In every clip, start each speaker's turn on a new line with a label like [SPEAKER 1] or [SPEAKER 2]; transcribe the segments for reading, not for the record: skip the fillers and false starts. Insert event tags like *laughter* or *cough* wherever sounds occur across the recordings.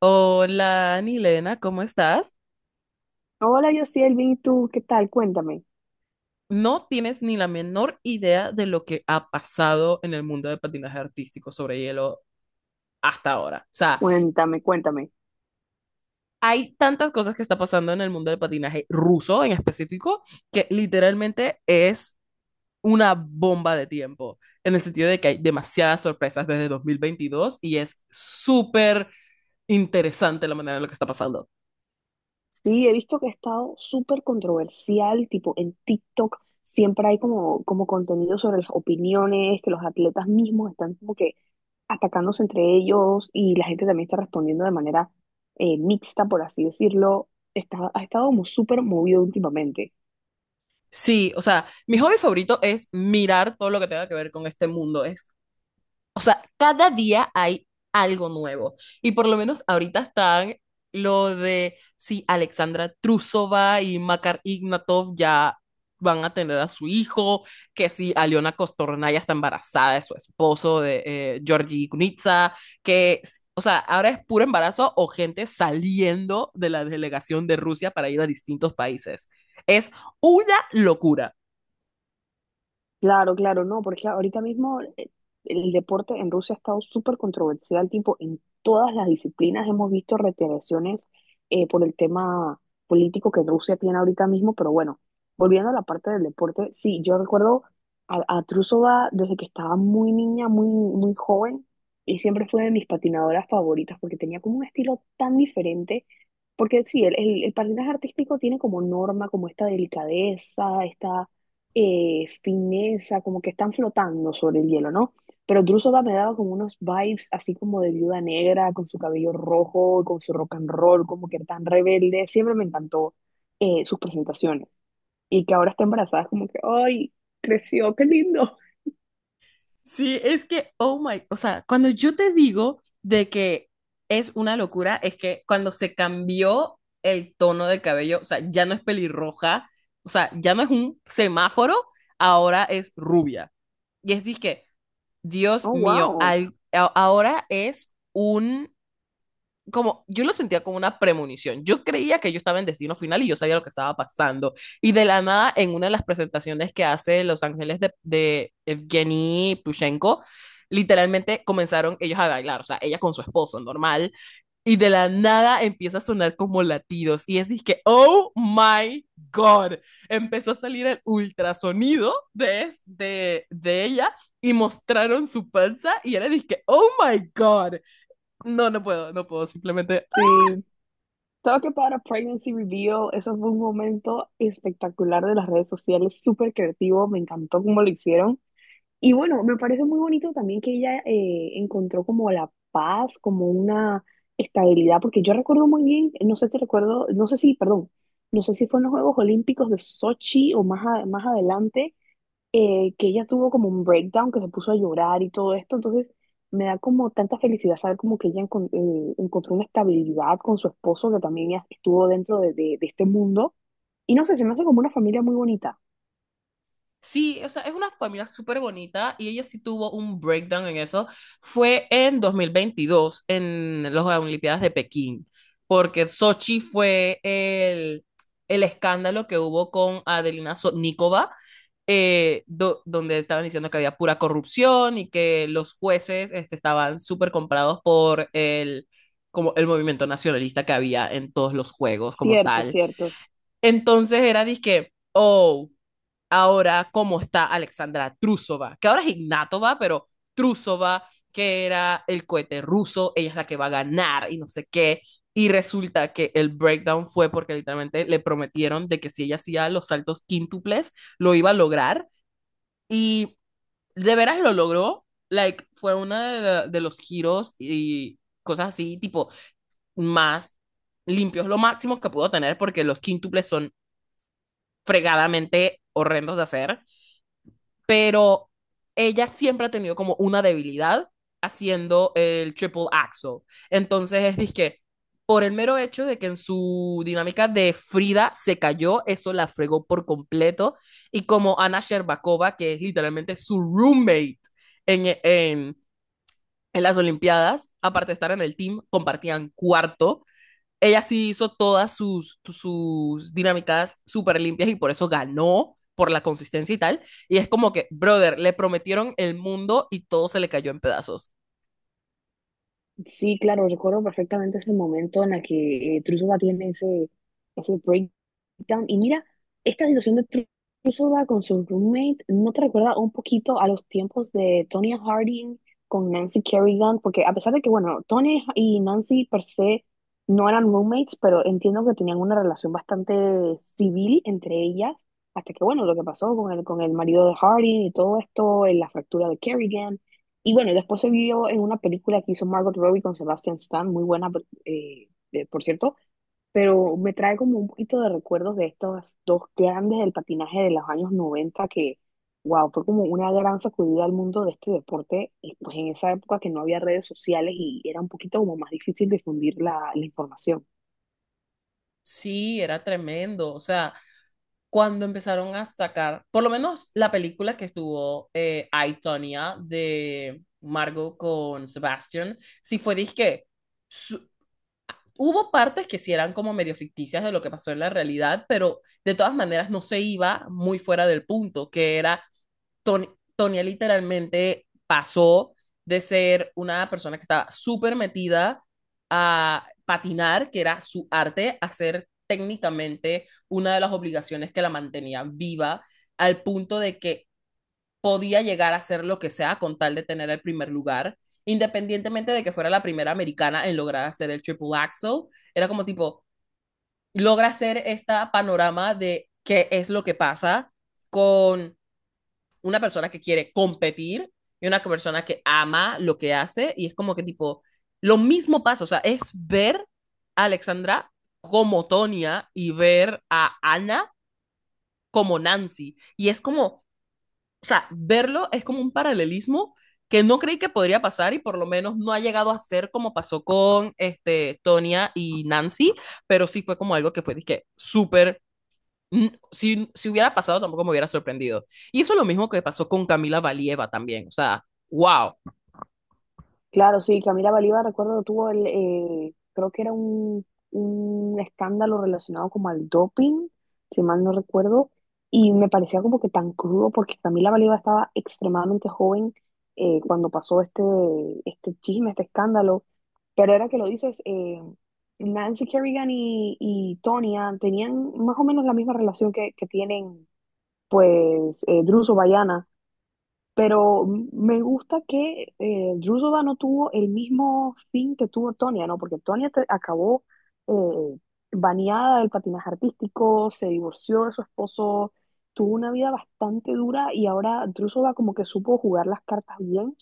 [SPEAKER 1] Hola, Anilena, ¿cómo estás?
[SPEAKER 2] Hola, Yosiel, bien, ¿y tú? ¿Qué tal? Cuéntame,
[SPEAKER 1] No tienes ni la menor idea de lo que ha pasado en el mundo de patinaje artístico sobre hielo hasta ahora. O sea,
[SPEAKER 2] cuéntame, cuéntame.
[SPEAKER 1] hay tantas cosas que está pasando en el mundo del patinaje ruso en específico que literalmente es una bomba de tiempo, en el sentido de que hay demasiadas sorpresas desde 2022 y es súper interesante la manera en la que está pasando.
[SPEAKER 2] Sí, he visto que ha estado súper controversial, tipo en TikTok siempre hay como, como contenido sobre las opiniones, que los atletas mismos están como que atacándose entre ellos y la gente también está respondiendo de manera mixta, por así decirlo. Ha estado como súper movido últimamente.
[SPEAKER 1] Sí, o sea, mi hobby favorito es mirar todo lo que tenga que ver con este mundo. Es O sea, cada día hay algo nuevo. Y por lo menos ahorita están lo de si Alexandra Trusova y Makar Ignatov ya van a tener a su hijo, que si Aliona Costorna ya está embarazada de su esposo, de Georgi Kunitsa, que, o sea, ahora es puro embarazo o gente saliendo de la delegación de Rusia para ir a distintos países. Es una locura.
[SPEAKER 2] Claro, claro, no, porque ahorita mismo el deporte en Rusia ha estado súper controversial, tipo, en todas las disciplinas hemos visto retaliaciones por el tema político que Rusia tiene ahorita mismo, pero bueno, volviendo a la parte del deporte, sí, yo recuerdo a Trusova desde que estaba muy niña, muy joven, y siempre fue de mis patinadoras favoritas, porque tenía como un estilo tan diferente, porque sí, el patinaje artístico tiene como norma, como esta delicadeza, esta fineza, como que están flotando sobre el hielo, ¿no? Pero Drusova me daba como unos vibes así como de viuda negra, con su cabello rojo, con su rock and roll, como que tan rebelde. Siempre me encantó sus presentaciones. Y que ahora está embarazada, es como que, ¡ay! Creció, qué lindo. *laughs*
[SPEAKER 1] Sí, es que, oh my, o sea, cuando yo te digo de que es una locura, es que cuando se cambió el tono de cabello, o sea, ya no es pelirroja, o sea, ya no es un semáforo, ahora es rubia. Y es que, Dios
[SPEAKER 2] Oh,
[SPEAKER 1] mío,
[SPEAKER 2] wow.
[SPEAKER 1] ahora es un como, yo lo sentía como una premonición. Yo creía que yo estaba en destino final y yo sabía lo que estaba pasando. Y de la nada, en una de las presentaciones que hace Los Ángeles de Evgeny Plushenko, literalmente comenzaron ellos a bailar, o sea, ella con su esposo, normal, y de la nada empieza a sonar como latidos, y es que, oh my god, empezó a salir el ultrasonido de ella, y mostraron su panza, y era dije, oh my god, no, no puedo, simplemente.
[SPEAKER 2] Sí. Talk about a pregnancy reveal. Eso fue un momento espectacular de las redes sociales, súper creativo. Me encantó cómo lo hicieron. Y bueno, me parece muy bonito también que ella encontró como la paz, como una estabilidad, porque yo recuerdo muy bien, no sé si recuerdo, no sé si, perdón, no sé si fue en los Juegos Olímpicos de Sochi o más, más adelante, que ella tuvo como un breakdown, que se puso a llorar y todo esto, entonces me da como tanta felicidad saber como que ella encontró una estabilidad con su esposo, que también ya estuvo dentro de, de este mundo, y no sé, se me hace como una familia muy bonita.
[SPEAKER 1] Sí, o sea, es una familia súper bonita y ella sí tuvo un breakdown en eso. Fue en 2022 en las Olimpiadas de Pekín, porque Sochi fue el escándalo que hubo con Adelina Sotnikova, donde estaban diciendo que había pura corrupción y que los jueces este, estaban súper comprados por el, como el movimiento nacionalista que había en todos los juegos como
[SPEAKER 2] Cierto,
[SPEAKER 1] tal.
[SPEAKER 2] cierto.
[SPEAKER 1] Entonces era disque, oh, ahora cómo está Alexandra Trusova, que ahora es Ignatova, pero Trusova, que era el cohete ruso, ella es la que va a ganar y no sé qué. Y resulta que el breakdown fue porque literalmente le prometieron de que si ella hacía los saltos quíntuples, lo iba a lograr. Y de veras lo logró. Like, fue uno de, de los giros y cosas así, tipo, más limpios, lo máximo que pudo tener, porque los quíntuples son fregadamente horrendos de hacer. Pero ella siempre ha tenido como una debilidad haciendo el triple axel. Entonces es disque, por el mero hecho de que en su dinámica de Frida se cayó, eso la fregó por completo. Y como Ana Sherbakova, que es literalmente su roommate en, en, en las Olimpiadas, aparte de estar en el team, compartían cuarto. Ella sí hizo todas sus, sus dinámicas súper limpias y por eso ganó por la consistencia y tal. Y es como que, brother, le prometieron el mundo y todo se le cayó en pedazos.
[SPEAKER 2] Sí, claro, recuerdo perfectamente ese momento en el que Truzova tiene ese Town. Y mira, esta situación de Trusova con su roommate, ¿no te recuerda un poquito a los tiempos de Tonya Harding con Nancy Kerrigan? Porque a pesar de que, bueno, Tony y Nancy per se no eran roommates, pero entiendo que tenían una relación bastante civil entre ellas, hasta que, bueno, lo que pasó con el marido de Harding y todo esto, en la fractura de Kerrigan. Y bueno, después se vio en una película que hizo Margot Robbie con Sebastian Stan, muy buena, por cierto, pero me trae como un poquito de recuerdos de estos dos grandes del patinaje de los años 90 que, wow, fue como una gran sacudida al mundo de este deporte, y pues en esa época que no había redes sociales y era un poquito como más difícil difundir la, la información.
[SPEAKER 1] Sí, era tremendo. O sea, cuando empezaron a sacar, por lo menos la película que estuvo I, Tonya, de Margot con Sebastian, sí fue disque su- hubo partes que sí eran como medio ficticias de lo que pasó en la realidad, pero de todas maneras no se iba muy fuera del punto, que era Tony, Tonya literalmente pasó de ser una persona que estaba súper metida a patinar, que era su arte, a ser técnicamente una de las obligaciones que la mantenía viva, al punto de que podía llegar a hacer lo que sea con tal de tener el primer lugar, independientemente de que fuera la primera americana en lograr hacer el triple axel, era como tipo, logra hacer esta panorama de qué es lo que pasa con una persona que quiere competir y una persona que ama lo que hace y es como que tipo, lo mismo pasa, o sea, es ver a Alexandra como Tonya y ver a Ana como Nancy. Y es como, o sea, verlo es como un paralelismo que no creí que podría pasar y por lo menos no ha llegado a ser como pasó con este, Tonya y Nancy, pero sí fue como algo que fue, dije, súper, mm, si, si hubiera pasado tampoco me hubiera sorprendido. Y eso es lo mismo que pasó con Camila Valieva también, o sea, wow.
[SPEAKER 2] Claro, sí, Camila Valiva, recuerdo, tuvo el, creo que era un escándalo relacionado como al doping, si mal no recuerdo, y me parecía como que tan crudo porque Camila Valiva estaba extremadamente joven cuando pasó este, este chisme, este escándalo, pero era que lo dices, Nancy Kerrigan y Tonya tenían más o menos la misma relación que tienen pues Drew Sobayana, pero me gusta que Drusova no tuvo el mismo fin que tuvo Tonia, ¿no? Porque Tonia acabó eh, baneada del patinaje artístico, se divorció de su esposo, tuvo una vida bastante dura y ahora Drusova como que supo jugar las cartas bien.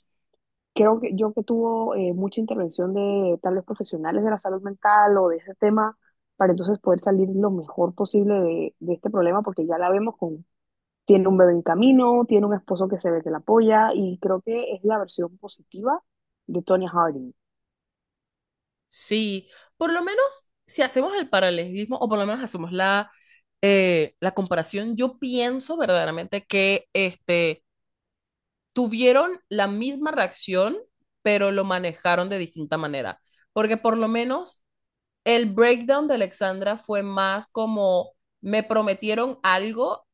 [SPEAKER 2] Creo que yo que tuvo mucha intervención de tal vez profesionales de la salud mental o de ese tema, para entonces poder salir lo mejor posible de este problema, porque ya la vemos con, tiene un bebé en camino, tiene un esposo que se ve que la apoya y creo que es la versión positiva de Tonya Harding.
[SPEAKER 1] Sí, por lo menos si hacemos el paralelismo o por lo menos hacemos la, la comparación, yo pienso verdaderamente que este, tuvieron la misma reacción, pero lo manejaron de distinta manera. Porque por lo menos el breakdown de Alexandra fue más como me prometieron algo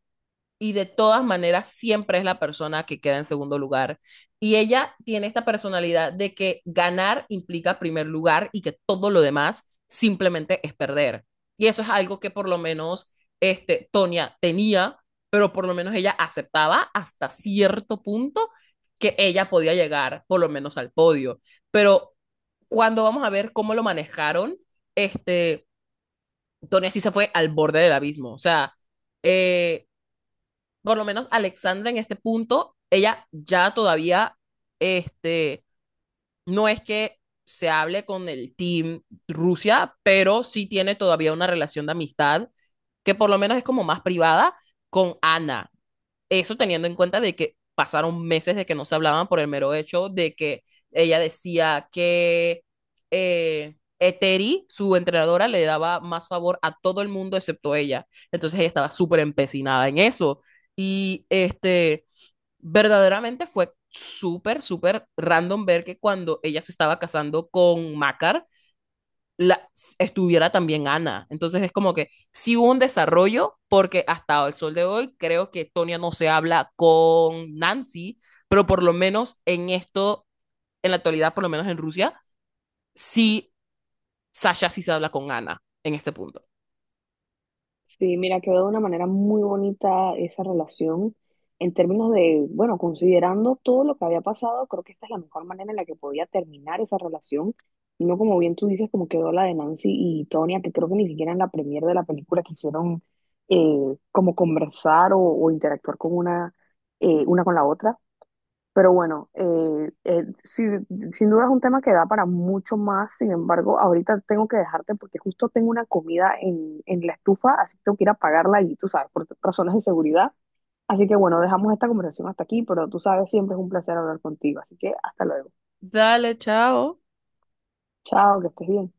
[SPEAKER 1] y de todas maneras siempre es la persona que queda en segundo lugar. Y ella tiene esta personalidad de que ganar implica primer lugar y que todo lo demás simplemente es perder. Y eso es algo que por lo menos este Tonia tenía, pero por lo menos ella aceptaba hasta cierto punto que ella podía llegar por lo menos al podio. Pero cuando vamos a ver cómo lo manejaron, este Tonia sí se fue al borde del abismo, o sea, eh, por lo menos Alexandra en este punto, ella ya todavía, este, no es que se hable con el team Rusia, pero sí tiene todavía una relación de amistad que por lo menos es como más privada con Ana, eso teniendo en cuenta de que pasaron meses de que no se hablaban por el mero hecho de que ella decía que Eteri, su entrenadora, le daba más favor a todo el mundo excepto ella. Entonces ella estaba súper empecinada en eso. Y este, verdaderamente fue súper, súper random ver que cuando ella se estaba casando con Makar la, estuviera también Ana. Entonces es como que sí hubo un desarrollo, porque hasta el sol de hoy creo que Tonia no se habla con Nancy, pero por lo menos en esto, en la actualidad, por lo menos en Rusia, sí, Sasha sí se habla con Ana en este punto.
[SPEAKER 2] Sí, mira, quedó de una manera muy bonita esa relación en términos de, bueno, considerando todo lo que había pasado, creo que esta es la mejor manera en la que podía terminar esa relación. Y no como bien tú dices, como quedó la de Nancy y Tonya, que creo que ni siquiera en la premiere de la película quisieron eh, como conversar o interactuar con una con la otra. Pero bueno, sí, sin duda es un tema que da para mucho más. Sin embargo, ahorita tengo que dejarte porque justo tengo una comida en la estufa, así que tengo que ir a pagarla y tú sabes, por razones de seguridad. Así que bueno, dejamos esta conversación hasta aquí, pero tú sabes, siempre es un placer hablar contigo. Así que hasta luego.
[SPEAKER 1] Dale, chao.
[SPEAKER 2] Chao, que estés bien.